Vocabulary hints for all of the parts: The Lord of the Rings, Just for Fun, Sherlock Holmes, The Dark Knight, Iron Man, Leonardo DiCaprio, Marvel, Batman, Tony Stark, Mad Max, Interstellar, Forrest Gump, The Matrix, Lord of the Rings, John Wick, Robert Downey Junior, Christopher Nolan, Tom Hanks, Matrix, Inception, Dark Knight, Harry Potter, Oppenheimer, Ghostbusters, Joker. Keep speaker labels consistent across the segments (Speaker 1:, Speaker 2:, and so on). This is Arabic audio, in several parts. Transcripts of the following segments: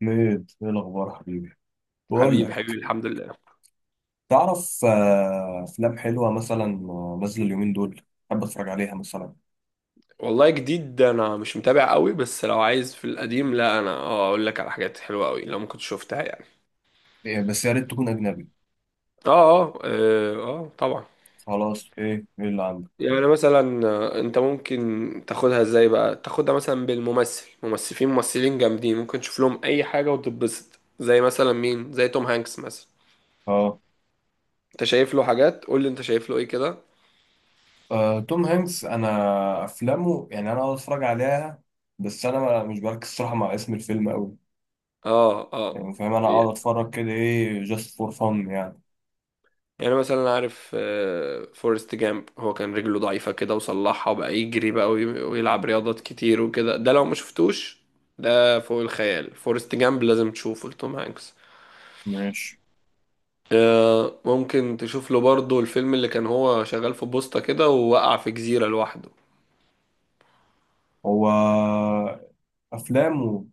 Speaker 1: ميد، ايه الاخبار حبيبي؟ بقول
Speaker 2: حبيبي حبيبي،
Speaker 1: لك،
Speaker 2: الحمد لله.
Speaker 1: تعرف، افلام حلوه مثلا، نازله اليومين دول، حابب اتفرج عليها مثلا.
Speaker 2: والله جديد، انا مش متابع قوي، بس لو عايز في القديم، لا انا اقول لك على حاجات حلوه قوي لو ما كنت شفتها يعني.
Speaker 1: إيه، بس يا ريت تكون اجنبي.
Speaker 2: اه اه اه، آه، طبعا.
Speaker 1: خلاص، ايه اللي عندك؟
Speaker 2: يعني مثلا انت ممكن تاخدها ازاي بقى؟ تاخدها مثلا بالممثل، ممثلين جامدين ممكن تشوف لهم اي حاجه وتتبسط، زي مثلا مين؟ زي توم هانكس مثلا.
Speaker 1: اه،
Speaker 2: انت شايف له حاجات؟ قول لي انت شايف له ايه كده.
Speaker 1: توم هانكس انا افلامه يعني انا اقعد اتفرج عليها. بس انا مش بركز صراحه مع اسم الفيلم قوي.
Speaker 2: اه اه.
Speaker 1: يعني فاهم، انا اقعد اتفرج كده، ايه، جاست فور فن يعني.
Speaker 2: يعني مثلا عارف فورست جامب؟ هو كان رجله ضعيفة كده وصلحها وبقى يجري بقى ويلعب رياضات كتير وكده. ده لو ما شفتوش ده فوق الخيال. فورست جامب لازم تشوفه لتوم هانكس.
Speaker 1: ماشي.
Speaker 2: آه، ممكن تشوف له برضه الفيلم اللي كان هو شغال في بوسطة كده ووقع في جزيرة لوحده.
Speaker 1: هو افلامه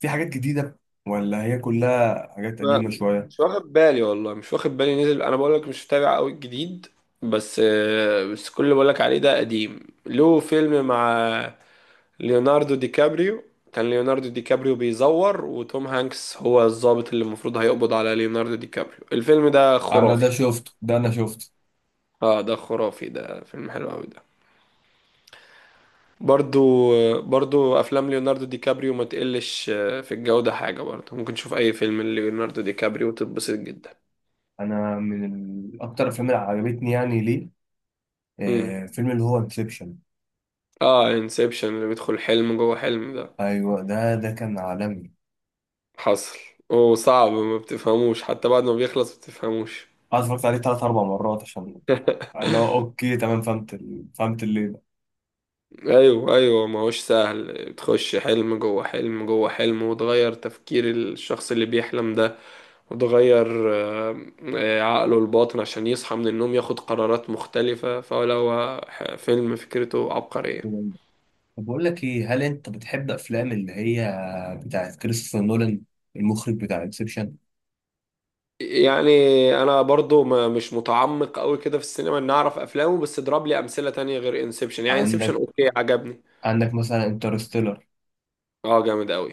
Speaker 1: في حاجات جديده ولا هي كلها حاجات
Speaker 2: ما-
Speaker 1: قديمه شويه؟
Speaker 2: مش واخد بالي والله، مش واخد بالي نزل. انا بقول لك مش متابع قوي الجديد، بس آه، بس كل اللي بقول لك عليه ده قديم. له فيلم مع ليوناردو دي كابريو. كان ليوناردو دي كابريو بيزور، وتوم هانكس هو الضابط اللي المفروض هيقبض على ليوناردو دي كابريو. الفيلم ده
Speaker 1: انا
Speaker 2: خرافي.
Speaker 1: ده شفته، ده انا شفته.
Speaker 2: اه ده خرافي، ده فيلم حلو قوي ده. برضو، برضو افلام ليوناردو دي كابريو ما تقلش في الجودة حاجة. برضو ممكن تشوف اي فيلم ليوناردو دي كابريو وتتبسط جدا.
Speaker 1: انا من اكتر الافلام اللي عجبتني، يعني ليه؟
Speaker 2: امم،
Speaker 1: فيلم اللي هو انسبشن.
Speaker 2: اه، انسبشن اللي بيدخل حلم جوه حلم ده.
Speaker 1: ايوه ده كان عالمي.
Speaker 2: حصل. وصعب ما بتفهموش، حتى بعد ما بيخلص ما بتفهموش.
Speaker 1: انا اتفرجت عليه 3 4 مرات عشان اللي هو اوكي تمام، فهمت فهمت اللي ده.
Speaker 2: ايوه ايوه، ما هوش سهل. بتخش حلم جوه حلم جوه حلم، وتغير تفكير الشخص اللي بيحلم ده، وتغير عقله الباطن عشان يصحى من النوم ياخد قرارات مختلفة. فلو فيلم فكرته عبقرية.
Speaker 1: طب بقول لك ايه، هل انت بتحب افلام اللي هي بتاعت كريستوفر نولان، المخرج بتاع انسبشن؟
Speaker 2: يعني انا برضو ما مش متعمق قوي كده في السينما ان اعرف افلامه، بس اضرب لي امثلة تانية غير انسبشن. يعني انسبشن
Speaker 1: عندك،
Speaker 2: اوكي، عجبني.
Speaker 1: عندك مثلا انترستيلر،
Speaker 2: اه جامد قوي،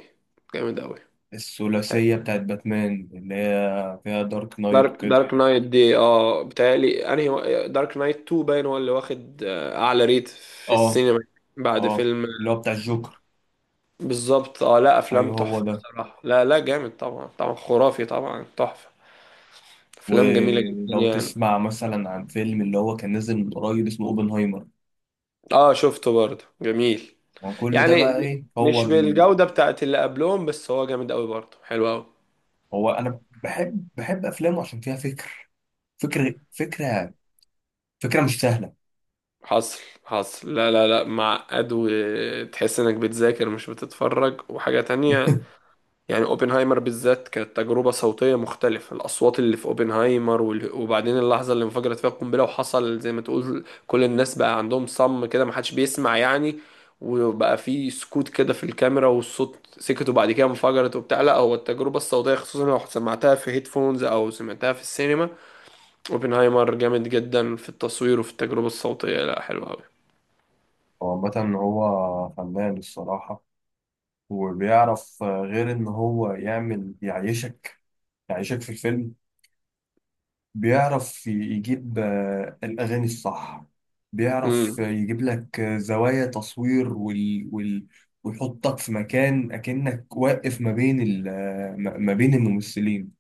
Speaker 2: جامد قوي.
Speaker 1: الثلاثيه بتاعت باتمان اللي هي فيها دارك نايت
Speaker 2: دارك
Speaker 1: وكده.
Speaker 2: دارك نايت دي، اه، بتهيألي انهي دارك نايت 2 باين هو اللي واخد اعلى ريت في
Speaker 1: اه،
Speaker 2: السينما بعد
Speaker 1: اه
Speaker 2: فيلم.
Speaker 1: اللي هو بتاع الجوكر.
Speaker 2: بالظبط، اه، لا افلام
Speaker 1: ايوه هو
Speaker 2: تحفه
Speaker 1: ده.
Speaker 2: بصراحه، لا لا جامد طبعا، طبعا خرافي، طبعا تحفه. افلام جميله جدا
Speaker 1: ولو
Speaker 2: يعني.
Speaker 1: تسمع مثلا عن فيلم اللي هو كان نازل من قريب، اسمه اوبنهايمر.
Speaker 2: اه شفته برضه، جميل.
Speaker 1: ما كل ده
Speaker 2: يعني
Speaker 1: بقى، ايه هو
Speaker 2: مش بالجوده بتاعت اللي قبلهم، بس هو جامد قوي برضه، حلو قوي.
Speaker 1: هو انا بحب افلامه عشان فيها فكر فكره فكره مش سهله.
Speaker 2: حصل، حصل. لا لا لا، معقد وتحس انك بتذاكر مش بتتفرج، وحاجه تانية. يعني اوبنهايمر بالذات كانت تجربة صوتية مختلفة، الأصوات اللي في اوبنهايمر وبعدين اللحظة اللي انفجرت فيها القنبلة وحصل زي ما تقول كل الناس بقى عندهم صم كده، محدش بيسمع يعني. وبقى في سكوت كده في الكاميرا والصوت سكت، وبعد كده انفجرت وبتاع. لا هو التجربة الصوتية خصوصا لو سمعتها في هيدفونز أو سمعتها في السينما. اوبنهايمر جامد جدا في التصوير وفي التجربة الصوتية، لا حلو أوي.
Speaker 1: هو مثلا هو فنان الصراحه، وبيعرف غير ان هو يعمل يعيشك في الفيلم. بيعرف يجيب الأغاني الصح، بيعرف
Speaker 2: امم،
Speaker 1: يجيب لك زوايا تصوير ويحطك في مكان أكنك واقف ما بين ال... آه، ما ما بين الممثلين.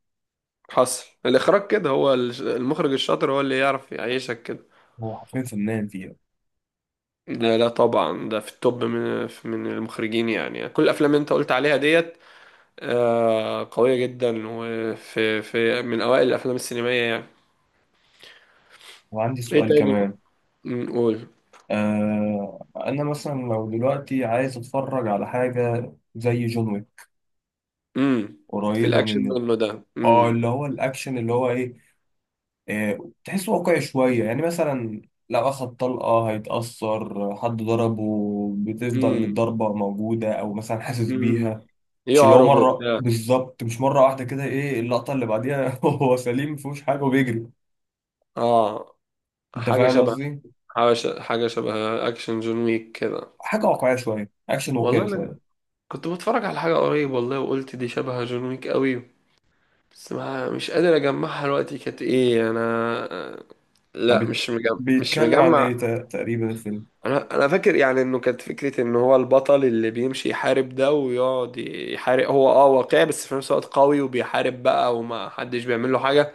Speaker 2: حصل. الإخراج كده، هو المخرج الشاطر هو اللي يعرف يعيشك كده.
Speaker 1: هو حرفيا فنان فيها.
Speaker 2: لا لا طبعا، ده في التوب من المخرجين. يعني كل الافلام اللي انت قلت عليها ديت آه، قوية جدا، وفي من اوائل الافلام السينمائية يعني.
Speaker 1: وعندي
Speaker 2: ايه
Speaker 1: سؤال
Speaker 2: تاني
Speaker 1: كمان.
Speaker 2: نقول؟
Speaker 1: أنا مثلا لو دلوقتي عايز أتفرج على حاجة زي جون ويك،
Speaker 2: امم، في
Speaker 1: قريبة
Speaker 2: الاكشن
Speaker 1: من
Speaker 2: منه ده. امم،
Speaker 1: اللي هو الأكشن اللي هو إيه آه، تحسه واقعي شوية يعني، مثلا لو أخد طلقة هيتأثر، حد ضربه بتفضل
Speaker 2: امم،
Speaker 1: الضربة موجودة أو مثلا حاسس
Speaker 2: امم،
Speaker 1: بيها. مش اللي هو
Speaker 2: يعرج
Speaker 1: مرة
Speaker 2: وبتاع.
Speaker 1: بالظبط، مش مرة واحدة كده، إيه اللقطة اللي بعديها هو سليم مفيهوش حاجة وبيجري.
Speaker 2: اه
Speaker 1: أنت
Speaker 2: حاجة
Speaker 1: فاهم
Speaker 2: شبه،
Speaker 1: قصدي؟
Speaker 2: حاجة، شبه اكشن جون ويك كده.
Speaker 1: حاجة واقعية شوية، أكشن واقعي
Speaker 2: والله
Speaker 1: شوية.
Speaker 2: انا كنت بتفرج على حاجة قريب والله وقلت دي شبه جون ويك قوي، بس ما مش قادر اجمعها دلوقتي. كانت ايه انا؟
Speaker 1: طب
Speaker 2: لا مش مجمع، مش
Speaker 1: بيتكلم عن إيه
Speaker 2: مجمع.
Speaker 1: تقريبا الفيلم؟
Speaker 2: انا فاكر يعني انه كانت فكره ان هو البطل اللي بيمشي يحارب ده ويقعد يحارب، هو اه واقعي بس في نفس الوقت قوي، وبيحارب بقى وما حدش بيعمل له حاجه.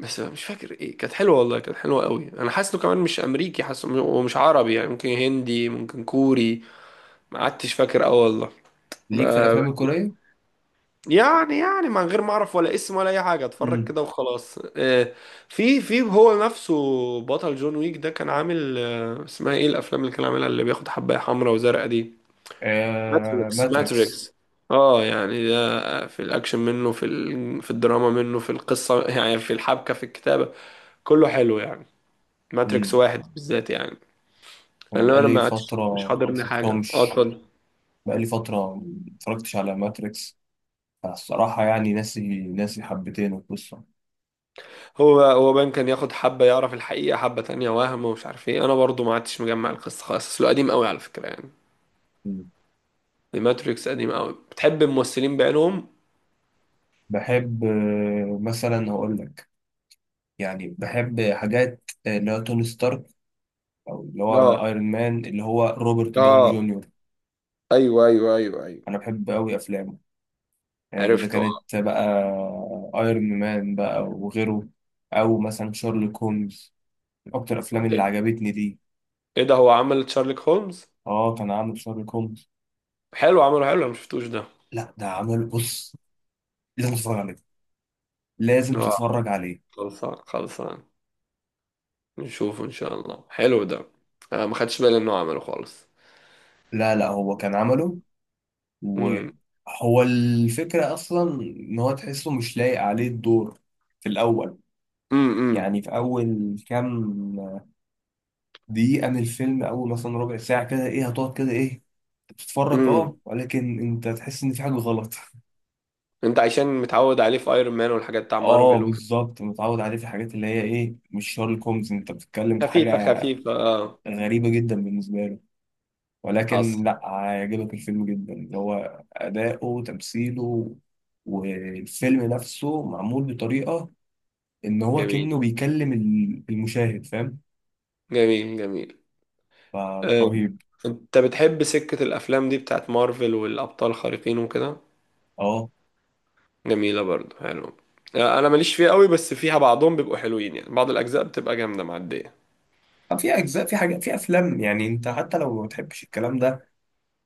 Speaker 2: بس مش فاكر ايه. كانت حلوه والله، كانت حلوه قوي. انا حاسه كمان مش امريكي، حاسه ومش عربي، يعني ممكن هندي، ممكن كوري. ما عدتش فاكر قوي والله.
Speaker 1: ليك في
Speaker 2: آه،
Speaker 1: الأفلام الكورية؟
Speaker 2: يعني، يعني من غير ما اعرف ولا اسم ولا اي حاجه، اتفرج
Speaker 1: امم
Speaker 2: كده وخلاص. آه، في، في هو نفسه بطل جون ويك ده كان عامل اسمها ايه الافلام اللي كان عاملها، اللي بياخد حبايه حمراء وزرقاء دي؟ ماتريكس،
Speaker 1: ماتريكس.
Speaker 2: ماتريكس. اه يعني ده في الاكشن منه، في في الدراما منه، في القصه، يعني في الحبكه، في الكتابه. كله حلو يعني. ماتريكس
Speaker 1: مم.
Speaker 2: واحد بالذات يعني.
Speaker 1: أنا
Speaker 2: لان انا
Speaker 1: بقالي
Speaker 2: ما عادش- مش
Speaker 1: فترة
Speaker 2: حاضرني حاجه. اه
Speaker 1: مشفتهمش،
Speaker 2: اتفضل.
Speaker 1: بقالي فترة ما اتفرجتش على ماتريكس الصراحة، يعني ناسي، ناسي حبتين القصة.
Speaker 2: هو بان كان ياخد حبة يعرف الحقيقة، حبة تانية وهم، ومش عارف ايه. انا برضو ما عدتش مجمع القصة خالص، اصله قديم قوي على فكرة يعني.
Speaker 1: مم.
Speaker 2: الماتريكس قديم قوي. بتحب الممثلين بعينهم.
Speaker 1: بحب مثلا هقول لك، يعني بحب حاجات اللي هو توني ستارك، أو اللي
Speaker 2: اه
Speaker 1: هو أيرون مان اللي هو روبرت داوني
Speaker 2: اه،
Speaker 1: جونيور.
Speaker 2: ايوه ايوه ايوه ايوه.
Speaker 1: أنا بحب أوي أفلامه. يعني إذا
Speaker 2: عرفته، آه.
Speaker 1: كانت بقى أيرون مان بقى وغيره، أو مثلا شارلوك هومز، من أكتر الأفلام اللي
Speaker 2: ايه،
Speaker 1: عجبتني دي.
Speaker 2: إيه ده، هو عمل شارلوك هولمز؟
Speaker 1: كان عامل شارلوك هومز.
Speaker 2: حلو، عمله حلو، انا ما شفتوش ده.
Speaker 1: لا، ده عمل، بص، لازم تتفرج عليه، لازم
Speaker 2: اه
Speaker 1: تتفرج عليه.
Speaker 2: خلصان، خلصان، نشوفه ان شاء الله. حلو ده. آه ما خدتش بالي انه عمله خالص.
Speaker 1: لا لا، هو كان عمله.
Speaker 2: امم،
Speaker 1: وهو الفكرة أصلا إن هو تحسه مش لايق عليه الدور في الأول.
Speaker 2: امم،
Speaker 1: يعني في أول كام دقيقة من الفيلم، أول مثلا ربع ساعة كده، إيه، هتقعد كده، إيه، بتتفرج،
Speaker 2: امم،
Speaker 1: ولكن أنت تحس إن في حاجة غلط.
Speaker 2: انت عشان متعود عليه في ايرون مان والحاجات بتاع
Speaker 1: أه
Speaker 2: مارفل.
Speaker 1: بالظبط، متعود عليه في الحاجات اللي هي إيه، مش شارلوك هومز. أنت بتتكلم في
Speaker 2: خفيفة،
Speaker 1: حاجة
Speaker 2: خفيفة اه.
Speaker 1: غريبة جدا بالنسبة له،
Speaker 2: حصل.
Speaker 1: ولكن لا، هيعجبك الفيلم جدا، اللي هو أداؤه، تمثيله. والفيلم نفسه معمول بطريقة إن هو
Speaker 2: جميل،
Speaker 1: كأنه بيكلم المشاهد، فاهم؟
Speaker 2: جميل، جميل.
Speaker 1: فلا،
Speaker 2: أم،
Speaker 1: رهيب.
Speaker 2: انت بتحب سكة الافلام دي بتاعت مارفل والابطال الخارقين وكده؟
Speaker 1: اه،
Speaker 2: جميلة برضو، حلو. آه، انا ماليش فيها قوي، بس فيها بعضهم بيبقوا حلوين يعني، بعض الاجزاء بتبقى جامدة معدية.
Speaker 1: طب في أجزاء، في حاجات، في أفلام يعني، أنت حتى لو ما بتحبش الكلام ده،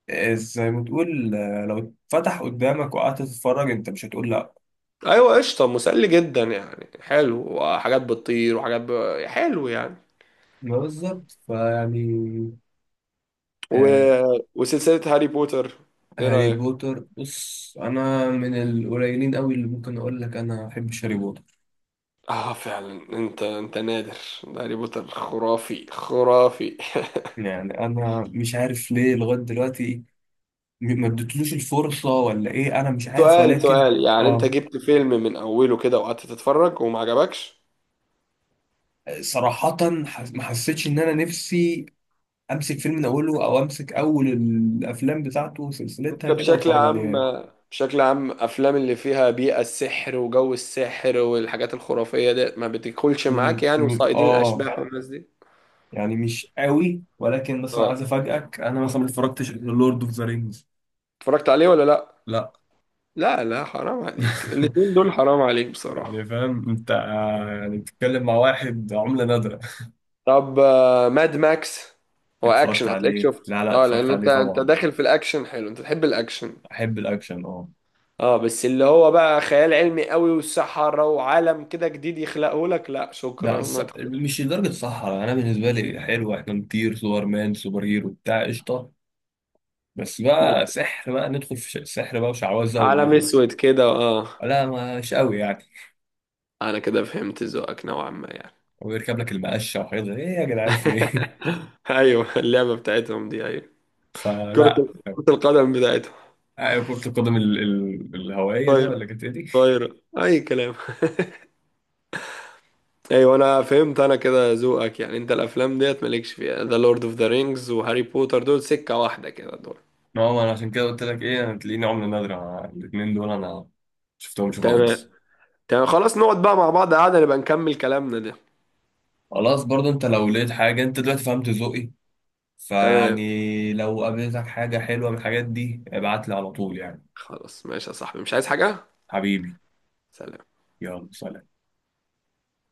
Speaker 1: زي ما تقول، لو اتفتح قدامك وقعدت تتفرج أنت مش هتقول لأ.
Speaker 2: ايوه قشطة، مسلي جدا يعني، حلو، وحاجات بتطير وحاجات حلو يعني.
Speaker 1: ما بالظبط فيعني.
Speaker 2: و...
Speaker 1: آه
Speaker 2: وسلسلة هاري بوتر، ايه
Speaker 1: هاري
Speaker 2: رأيك؟
Speaker 1: بوتر بص، أنا من القليلين أوي اللي ممكن أقول لك أنا ما بحبش هاري بوتر.
Speaker 2: اه فعلا انت، انت نادر. ده هاري بوتر خرافي، خرافي.
Speaker 1: يعني انا مش عارف ليه لغايه دلوقتي، ما اديتلوش الفرصه ولا ايه، انا مش عارف
Speaker 2: سؤال،
Speaker 1: ولكن
Speaker 2: سؤال، يعني انت
Speaker 1: اه،
Speaker 2: جبت فيلم من اوله كده وقعدت تتفرج وما عجبكش؟
Speaker 1: صراحه، ما حسيتش ان انا نفسي امسك فيلم من اوله او امسك اول الافلام بتاعته
Speaker 2: انت
Speaker 1: وسلسلتها كده
Speaker 2: بشكل
Speaker 1: واتفرج
Speaker 2: عام،
Speaker 1: عليها.
Speaker 2: بشكل عام افلام اللي فيها بيئة السحر وجو السحر والحاجات الخرافية دي ما بتدخلش معاك
Speaker 1: م-
Speaker 2: يعني،
Speaker 1: م-
Speaker 2: وصائدين
Speaker 1: اه
Speaker 2: الاشباح والناس دي.
Speaker 1: يعني مش قوي، ولكن مثلا عايز
Speaker 2: اه
Speaker 1: افاجئك، انا مثلا ما اتفرجتش لورد اوف ذا رينجز.
Speaker 2: اتفرجت عليه ولا لا؟
Speaker 1: لا.
Speaker 2: لا لا حرام عليك، الاتنين دول حرام عليك بصراحة.
Speaker 1: يعني فاهم انت، يعني بتتكلم مع واحد عملة نادرة.
Speaker 2: طب آه، ماد ماكس، هو
Speaker 1: اتفرجت
Speaker 2: اكشن، هتلاقيك
Speaker 1: عليه؟
Speaker 2: شفته
Speaker 1: لا لا،
Speaker 2: اه،
Speaker 1: اتفرجت
Speaker 2: لان
Speaker 1: عليه
Speaker 2: انت، انت
Speaker 1: طبعا،
Speaker 2: داخل في الاكشن، حلو، انت تحب الاكشن.
Speaker 1: احب الاكشن اه.
Speaker 2: اه بس اللي هو بقى خيال علمي قوي والسحرة وعالم كده جديد يخلقه لك، لا
Speaker 1: لا
Speaker 2: شكرا ما تخش.
Speaker 1: مش لدرجه الصحراء، انا بالنسبه لي حلوه، احنا نطير سوبر مان، سوبر هيرو بتاع، قشطه. بس
Speaker 2: بس
Speaker 1: بقى سحر بقى، ندخل في سحر بقى وشعوذه
Speaker 2: عالم اسود كده اه.
Speaker 1: لا مش قوي يعني.
Speaker 2: انا كده فهمت ذوقك نوعا ما يعني.
Speaker 1: ويركب لك المقشه وحاجات ايه يا جدعان في ايه؟
Speaker 2: ايوه اللعبة بتاعتهم دي، ايوه، كرة،
Speaker 1: فلا.
Speaker 2: كرة القدم بتاعتهم.
Speaker 1: كرة القدم الهوائية دي، ولا
Speaker 2: طاير،
Speaker 1: كانت ايه دي؟
Speaker 2: طايرة اي كلام. ايوه انا فهمت، انا كده ذوقك يعني. انت الافلام ديت مالكش فيها، ذا لورد اوف ذا رينجز وهاري بوتر، دول سكة واحدة كده دول.
Speaker 1: نعم، انا عشان كده قلت لك ايه، انا تلاقيني عملة نادرة، أنا الاتنين دول انا شفتهمش
Speaker 2: تمام،
Speaker 1: خالص.
Speaker 2: تمام. خلاص نقعد بقى مع بعض قعدة نبقى نكمل كلامنا ده.
Speaker 1: خلاص، برضه انت لو لقيت حاجة، انت دلوقتي فهمت ذوقي،
Speaker 2: تمام،
Speaker 1: فيعني لو قابلتك حاجة حلوة من الحاجات دي ابعت لي على طول يعني.
Speaker 2: خلاص، ماشي يا صاحبي، مش عايز حاجة.
Speaker 1: حبيبي،
Speaker 2: سلام.
Speaker 1: يلا سلام.